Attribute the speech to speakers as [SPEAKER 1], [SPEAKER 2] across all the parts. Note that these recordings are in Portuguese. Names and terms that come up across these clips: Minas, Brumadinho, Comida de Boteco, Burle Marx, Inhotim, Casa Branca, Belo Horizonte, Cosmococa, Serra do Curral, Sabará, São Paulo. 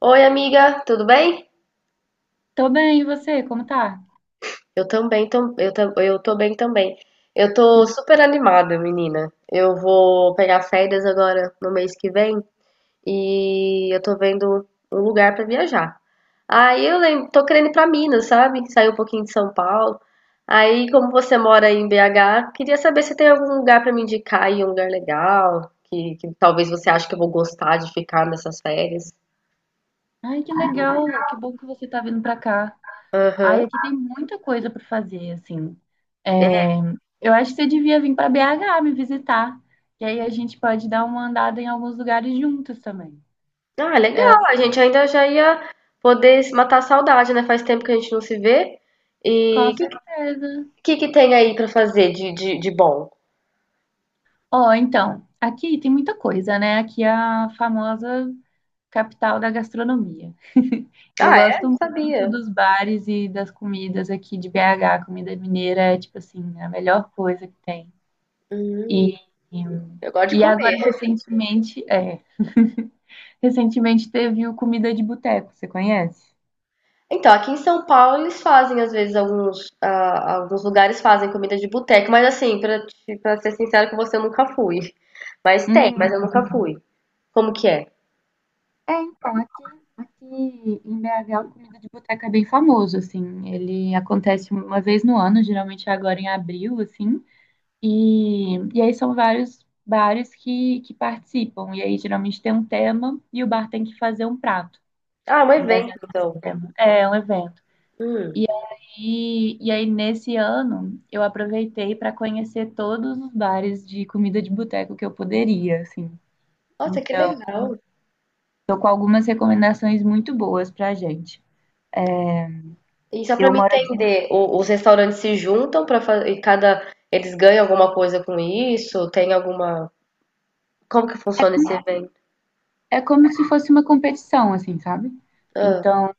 [SPEAKER 1] Oi, amiga, tudo bem?
[SPEAKER 2] Tô bem, e você? Como tá?
[SPEAKER 1] Eu também, eu tô bem também. Eu tô super animada, menina. Eu vou pegar férias agora no mês que vem e eu tô vendo um lugar pra viajar. Tô querendo ir pra Minas, sabe? Sair um pouquinho de São Paulo. Aí, como você mora aí em BH, queria saber se tem algum lugar pra me indicar aí, um lugar legal, que talvez você ache que eu vou gostar de ficar nessas férias.
[SPEAKER 2] Ai, que legal! Que bom que você tá vindo pra cá. Ai,
[SPEAKER 1] Aham.
[SPEAKER 2] aqui tem muita coisa pra fazer, assim. É, eu acho que você devia vir pra BH me visitar, que aí a gente pode dar uma andada em alguns lugares juntos também.
[SPEAKER 1] Ah,
[SPEAKER 2] É,
[SPEAKER 1] legal. A gente ainda já ia poder se matar a saudade, né? Faz tempo que a gente não se vê. E
[SPEAKER 2] com certeza.
[SPEAKER 1] que tem aí pra fazer de bom?
[SPEAKER 2] Ó, então, aqui tem muita coisa, né? Aqui é a famosa capital da gastronomia. Eu
[SPEAKER 1] Ah, é?
[SPEAKER 2] gosto
[SPEAKER 1] Não
[SPEAKER 2] muito
[SPEAKER 1] sabia.
[SPEAKER 2] dos bares e das comidas aqui de BH. Comida mineira é, tipo assim, a melhor coisa que tem. E,
[SPEAKER 1] Eu gosto de
[SPEAKER 2] e agora,
[SPEAKER 1] comer.
[SPEAKER 2] recentemente, recentemente teve o Comida de Boteco, você conhece?
[SPEAKER 1] Então, aqui em São Paulo eles fazem, às vezes, alguns lugares fazem comida de boteco, mas assim, pra ser sincero com você, eu nunca fui. Mas tem, mas
[SPEAKER 2] Hum,
[SPEAKER 1] eu nunca fui. Como que é?
[SPEAKER 2] é, então, aqui em BH, o comida de boteca é bem famoso, assim. Ele acontece uma vez no ano, geralmente agora em abril, assim. E aí são vários bares que participam. E aí geralmente tem um tema e o bar tem que fazer um prato
[SPEAKER 1] Ah, é um evento,
[SPEAKER 2] baseado nesse
[SPEAKER 1] então.
[SPEAKER 2] tema. É, um evento. E aí, nesse ano, eu aproveitei para conhecer todos os bares de comida de boteco que eu poderia, assim.
[SPEAKER 1] Nossa, que
[SPEAKER 2] Então,
[SPEAKER 1] legal.
[SPEAKER 2] tô com algumas recomendações muito boas pra gente.
[SPEAKER 1] E só para
[SPEAKER 2] Eu
[SPEAKER 1] me
[SPEAKER 2] moro aqui.
[SPEAKER 1] entender, os restaurantes se juntam para fazer e cada eles ganham alguma coisa com isso? Tem alguma... Como que funciona esse evento?
[SPEAKER 2] É como se fosse uma competição, assim, sabe?
[SPEAKER 1] Ah,
[SPEAKER 2] Então,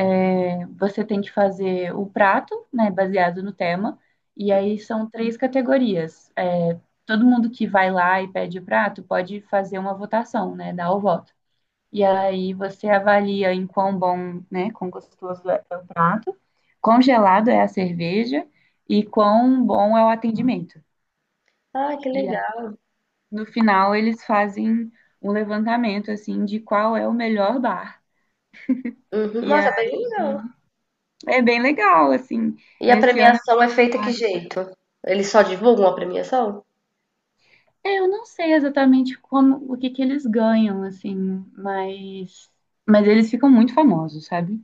[SPEAKER 2] é, você tem que fazer o prato, né, baseado no tema. E aí, são três categorias. É, todo mundo que vai lá e pede o prato pode fazer uma votação, né, dar o voto. E aí você avalia em quão bom, né, quão gostoso é o prato, quão gelado é a cerveja e quão bom é o atendimento.
[SPEAKER 1] ah, que
[SPEAKER 2] E aí,
[SPEAKER 1] legal.
[SPEAKER 2] no final eles fazem um levantamento assim de qual é o melhor bar.
[SPEAKER 1] Uhum.
[SPEAKER 2] E
[SPEAKER 1] Nossa, é bem
[SPEAKER 2] aí
[SPEAKER 1] legal.
[SPEAKER 2] é bem legal assim.
[SPEAKER 1] E a
[SPEAKER 2] Nesse ano eu
[SPEAKER 1] premiação é
[SPEAKER 2] fui
[SPEAKER 1] feita que
[SPEAKER 2] vários.
[SPEAKER 1] jeito? Eles só divulgam a premiação?
[SPEAKER 2] É, eu não sei exatamente como o que que eles ganham assim, mas mas eles ficam muito famosos, sabe?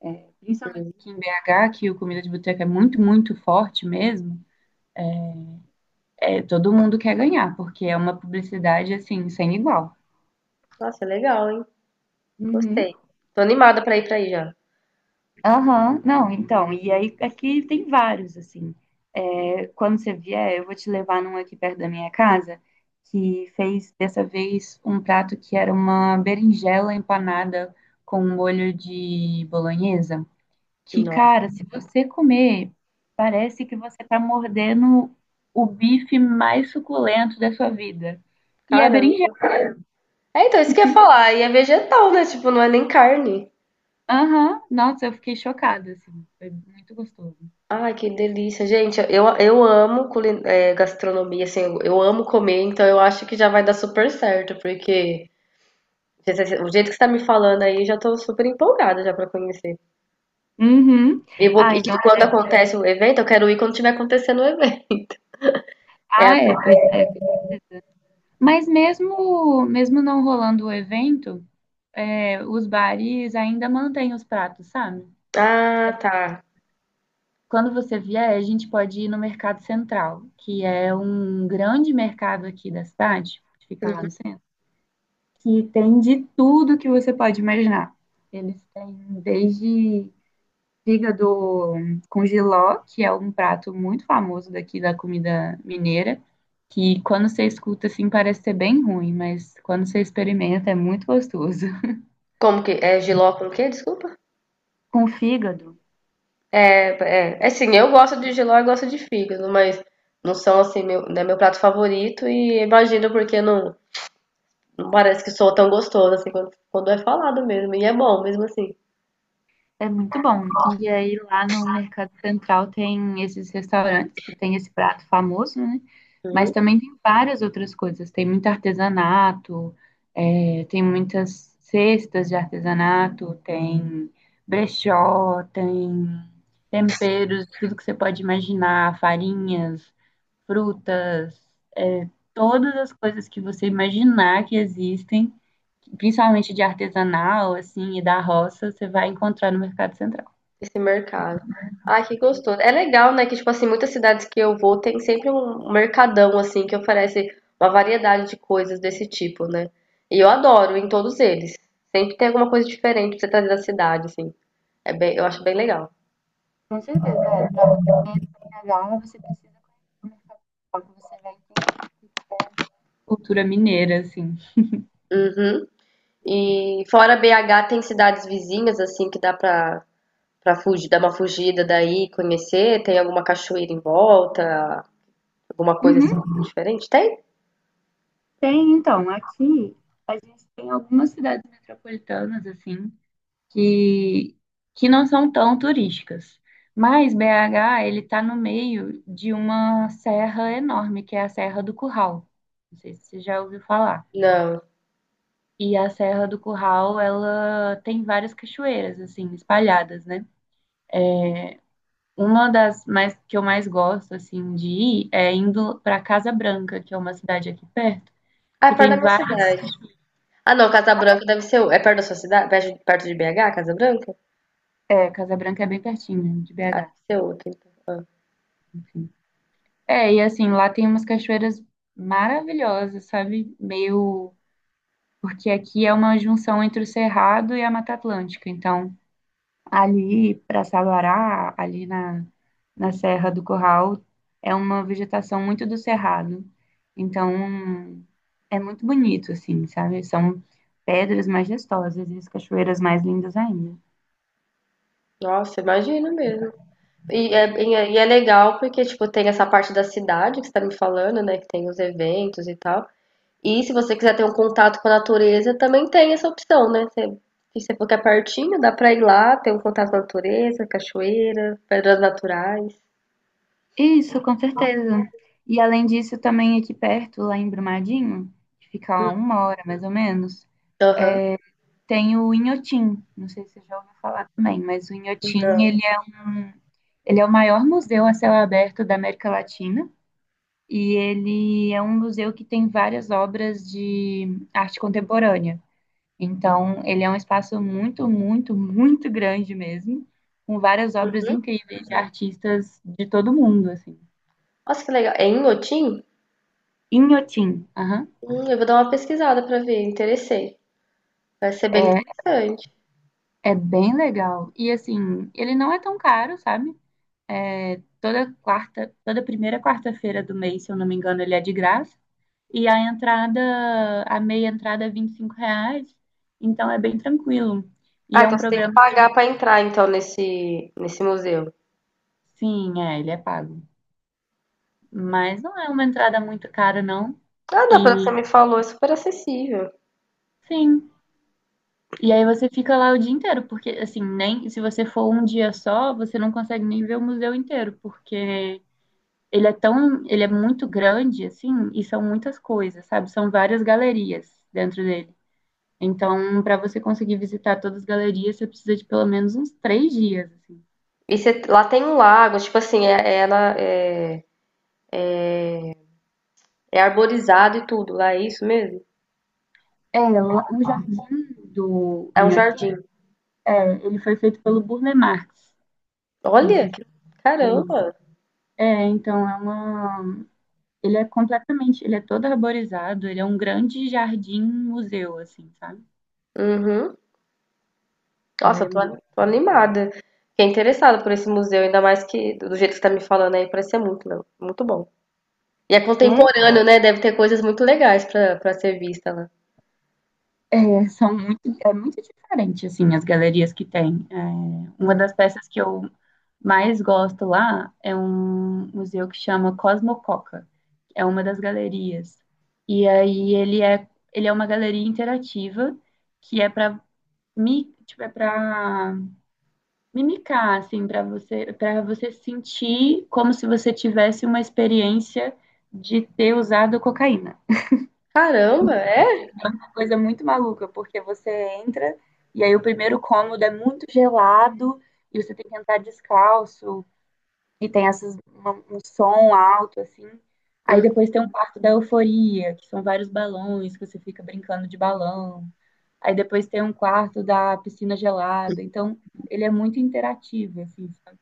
[SPEAKER 2] É, principalmente aqui em BH, que o Comida de Boteca é muito, muito forte mesmo, é, todo mundo quer ganhar, porque é uma publicidade, assim, sem igual.
[SPEAKER 1] Nossa, legal, hein?
[SPEAKER 2] Uhum.
[SPEAKER 1] Gostei. Tô animada pra ir pra aí já.
[SPEAKER 2] Aham, não, então, e aí aqui tem vários, assim. É, quando você vier, eu vou te levar num aqui perto da minha casa, que fez dessa vez um prato que era uma berinjela empanada com molho de bolonhesa. Que,
[SPEAKER 1] Nossa,
[SPEAKER 2] cara, se você comer, parece que você tá mordendo o bife mais suculento da sua vida. E é berinjela.
[SPEAKER 1] caramba. É, então, isso que eu ia falar. E é vegetal, né? Tipo, não é nem carne.
[SPEAKER 2] Aham, nossa, eu fiquei chocada, assim. Foi muito gostoso.
[SPEAKER 1] Ai, que delícia. Gente, eu, gastronomia, assim, eu amo comer, então eu acho que já vai dar super certo, porque o jeito que você tá me falando aí, eu já tô super empolgada já pra conhecer.
[SPEAKER 2] Uhum.
[SPEAKER 1] E vou,
[SPEAKER 2] Ah,
[SPEAKER 1] e
[SPEAKER 2] então,
[SPEAKER 1] quando
[SPEAKER 2] já que...
[SPEAKER 1] acontece o evento, eu quero ir quando tiver acontecendo o evento. É,
[SPEAKER 2] Ah, é, pois é. Com certeza. Mas mesmo, mesmo não rolando o evento, é, os bares ainda mantêm os pratos, sabe?
[SPEAKER 1] ah, tá.
[SPEAKER 2] Quando você vier, a gente pode ir no Mercado Central, que é um grande mercado aqui da cidade, que fica lá no centro. Que tem de tudo que você pode imaginar. Eles têm desde fígado com giló, que é um prato muito famoso daqui da comida mineira, que quando você escuta assim parece ser bem ruim, mas quando você experimenta é muito gostoso.
[SPEAKER 1] Como que, é jiló com o quê? Desculpa.
[SPEAKER 2] Com fígado,
[SPEAKER 1] É, é assim, eu gosto de giló e gosto de fígado, mas não são assim, meu, não é meu prato favorito e imagino porque não, não parece que soa tão gostoso assim quando é falado mesmo. E é bom mesmo assim.
[SPEAKER 2] é muito bom. E aí lá no Mercado Central tem esses restaurantes que tem esse prato famoso, né? Mas
[SPEAKER 1] Uhum.
[SPEAKER 2] também tem várias outras coisas. Tem muito artesanato, é, tem muitas cestas de artesanato, tem brechó, tem temperos, tudo que você pode imaginar, farinhas, frutas, todas as coisas que você imaginar que existem, principalmente de artesanal, assim, e da roça, você vai encontrar no Mercado Central.
[SPEAKER 1] Esse mercado. Ai, que gostoso. É legal, né? Que, tipo assim, muitas cidades que eu vou tem sempre um mercadão, assim, que oferece uma variedade de coisas desse tipo, né? E eu adoro em todos eles. Sempre tem alguma coisa diferente pra você trazer da cidade, assim. É bem, eu acho bem legal.
[SPEAKER 2] Com certeza, é. Para você conhecer Cagá, você precisa conhecer o mercado local, que você vai entender. Cultura mineira, assim.
[SPEAKER 1] Uhum. E fora BH, tem cidades vizinhas, assim, pra fugir, dar uma fugida daí, conhecer? Tem alguma cachoeira em volta? Alguma coisa
[SPEAKER 2] Uhum.
[SPEAKER 1] assim diferente? Tem?
[SPEAKER 2] Tem, então, aqui a gente tem algumas cidades metropolitanas, assim, que, que não são tão turísticas. Mas BH, ele tá no meio de uma serra enorme, que é a Serra do Curral. Não sei se você já ouviu falar.
[SPEAKER 1] Não.
[SPEAKER 2] E a Serra do Curral, ela tem várias cachoeiras, assim, espalhadas, né? Uma das mais que eu mais gosto assim de ir é indo para Casa Branca, que é uma cidade aqui perto,
[SPEAKER 1] Ah, é
[SPEAKER 2] que
[SPEAKER 1] perto da
[SPEAKER 2] tem
[SPEAKER 1] minha
[SPEAKER 2] várias.
[SPEAKER 1] cidade. Ah, não, Casa Branca deve ser. É perto da sua cidade? Perto de BH, Casa Branca?
[SPEAKER 2] É, Casa Branca é bem pertinho né, de
[SPEAKER 1] Ah, deve
[SPEAKER 2] BH,
[SPEAKER 1] ser outra.
[SPEAKER 2] enfim. É, e assim, lá tem umas cachoeiras maravilhosas, sabe? Meio. Porque aqui é uma junção entre o Cerrado e a Mata Atlântica. Então, ali para Sabará, ali na Serra do Curral, é uma vegetação muito do cerrado. Então, é muito bonito, assim, sabe? São pedras majestosas e as cachoeiras mais lindas ainda.
[SPEAKER 1] Nossa, imagina mesmo. E é legal porque, tipo, tem essa parte da cidade que você tá me falando, né? Que tem os eventos e tal. E se você quiser ter um contato com a natureza, também tem essa opção, né? Você, se você for que é pertinho, dá pra ir lá, ter um contato com a natureza, cachoeira, pedras naturais.
[SPEAKER 2] Isso, com certeza. E além disso, também aqui perto, lá em Brumadinho, que fica a 1 hora mais ou menos,
[SPEAKER 1] Aham.
[SPEAKER 2] tem o Inhotim. Não sei se você já ouviu falar também, mas o Inhotim, ele é, um, ele é o maior museu a céu aberto da América Latina. E ele é um museu que tem várias obras de arte contemporânea. Então, ele é um espaço muito, muito, muito grande mesmo, com várias obras incríveis de artistas de todo mundo, assim.
[SPEAKER 1] Nossa, que legal. É em Inhotim?
[SPEAKER 2] Inhotim, aham.
[SPEAKER 1] Eu vou dar uma pesquisada pra ver, interessei. Vai ser bem
[SPEAKER 2] É,
[SPEAKER 1] interessante.
[SPEAKER 2] é bem legal. E assim, ele não é tão caro, sabe? É, toda quarta, toda primeira quarta-feira do mês, se eu não me engano, ele é de graça. E a entrada, a meia entrada é 25 reais, então é bem tranquilo. E
[SPEAKER 1] Ah,
[SPEAKER 2] é um
[SPEAKER 1] então você tem que
[SPEAKER 2] programa que,
[SPEAKER 1] pagar pra entrar então nesse museu.
[SPEAKER 2] sim, é, ele é pago. Mas não é uma entrada muito cara, não.
[SPEAKER 1] Ah, não, pelo que você
[SPEAKER 2] E
[SPEAKER 1] me falou, é super acessível.
[SPEAKER 2] sim. E aí você fica lá o dia inteiro, porque assim, nem se você for um dia só, você não consegue nem ver o museu inteiro, porque ele é tão, ele é muito grande, assim, e são muitas coisas, sabe? São várias galerias dentro dele. Então, para você conseguir visitar todas as galerias, você precisa de pelo menos uns 3 dias, assim.
[SPEAKER 1] E você... lá tem um lago, tipo assim, é, é arborizado e tudo, lá é isso mesmo?
[SPEAKER 2] É, lá- o jardim do
[SPEAKER 1] É um
[SPEAKER 2] Inhotim,
[SPEAKER 1] jardim.
[SPEAKER 2] é, ele foi feito pelo Burle Marx. Não
[SPEAKER 1] Olha,
[SPEAKER 2] sei se você também.
[SPEAKER 1] caramba.
[SPEAKER 2] É, então é uma. Ele é completamente, ele é todo arborizado, ele é um grande jardim museu, assim, sabe?
[SPEAKER 1] Uhum.
[SPEAKER 2] Lá
[SPEAKER 1] Nossa,
[SPEAKER 2] é muito.
[SPEAKER 1] tô animada. Fiquei interessada por esse museu, ainda mais que do jeito que você tá me falando aí, parece ser muito bom. E é
[SPEAKER 2] É,
[SPEAKER 1] contemporâneo, né? Deve ter coisas muito legais pra ser vista lá.
[SPEAKER 2] é, são muito, é muito diferente, assim, as galerias que tem. É, uma das peças que eu mais gosto lá é um museu que chama Cosmococa. É uma das galerias. E aí ele é uma galeria interativa que é para mi, tipo, é para mimicar, assim, para você sentir como se você tivesse uma experiência de ter usado cocaína.
[SPEAKER 1] Caramba, é?
[SPEAKER 2] Coisa muito maluca, porque você entra e aí o primeiro cômodo é muito gelado e você tem que entrar descalço e tem essas, uma- um som alto, assim. Aí
[SPEAKER 1] Hum.
[SPEAKER 2] depois tem um quarto da euforia, que são vários balões, que você fica brincando de balão. Aí depois tem um quarto da piscina gelada. Então, ele é muito interativo, assim. Sabe?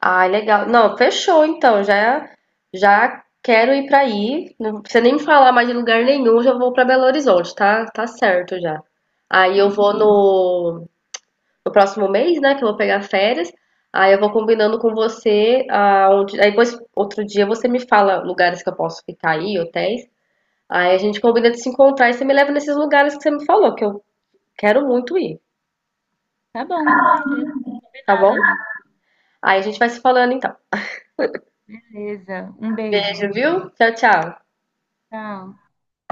[SPEAKER 1] Ah, legal. Não, fechou então. Já quero ir pra aí. Não precisa nem me falar mais de lugar nenhum, já vou pra Belo Horizonte, tá? Tá certo já. Aí eu vou no, no próximo mês, né, que eu vou pegar férias. Aí eu vou combinando com você aonde, aí depois outro dia você me fala lugares que eu posso ficar aí, hotéis. Aí a gente combina de se encontrar e você me leva nesses lugares que você me falou, que eu quero muito ir,
[SPEAKER 2] Tá bom, com certeza.
[SPEAKER 1] tá
[SPEAKER 2] Combinado,
[SPEAKER 1] bom?
[SPEAKER 2] amiga.
[SPEAKER 1] Aí a gente vai se falando então.
[SPEAKER 2] Beleza. Um beijo.
[SPEAKER 1] Beijo, viu? Tchau, tchau.
[SPEAKER 2] Tchau.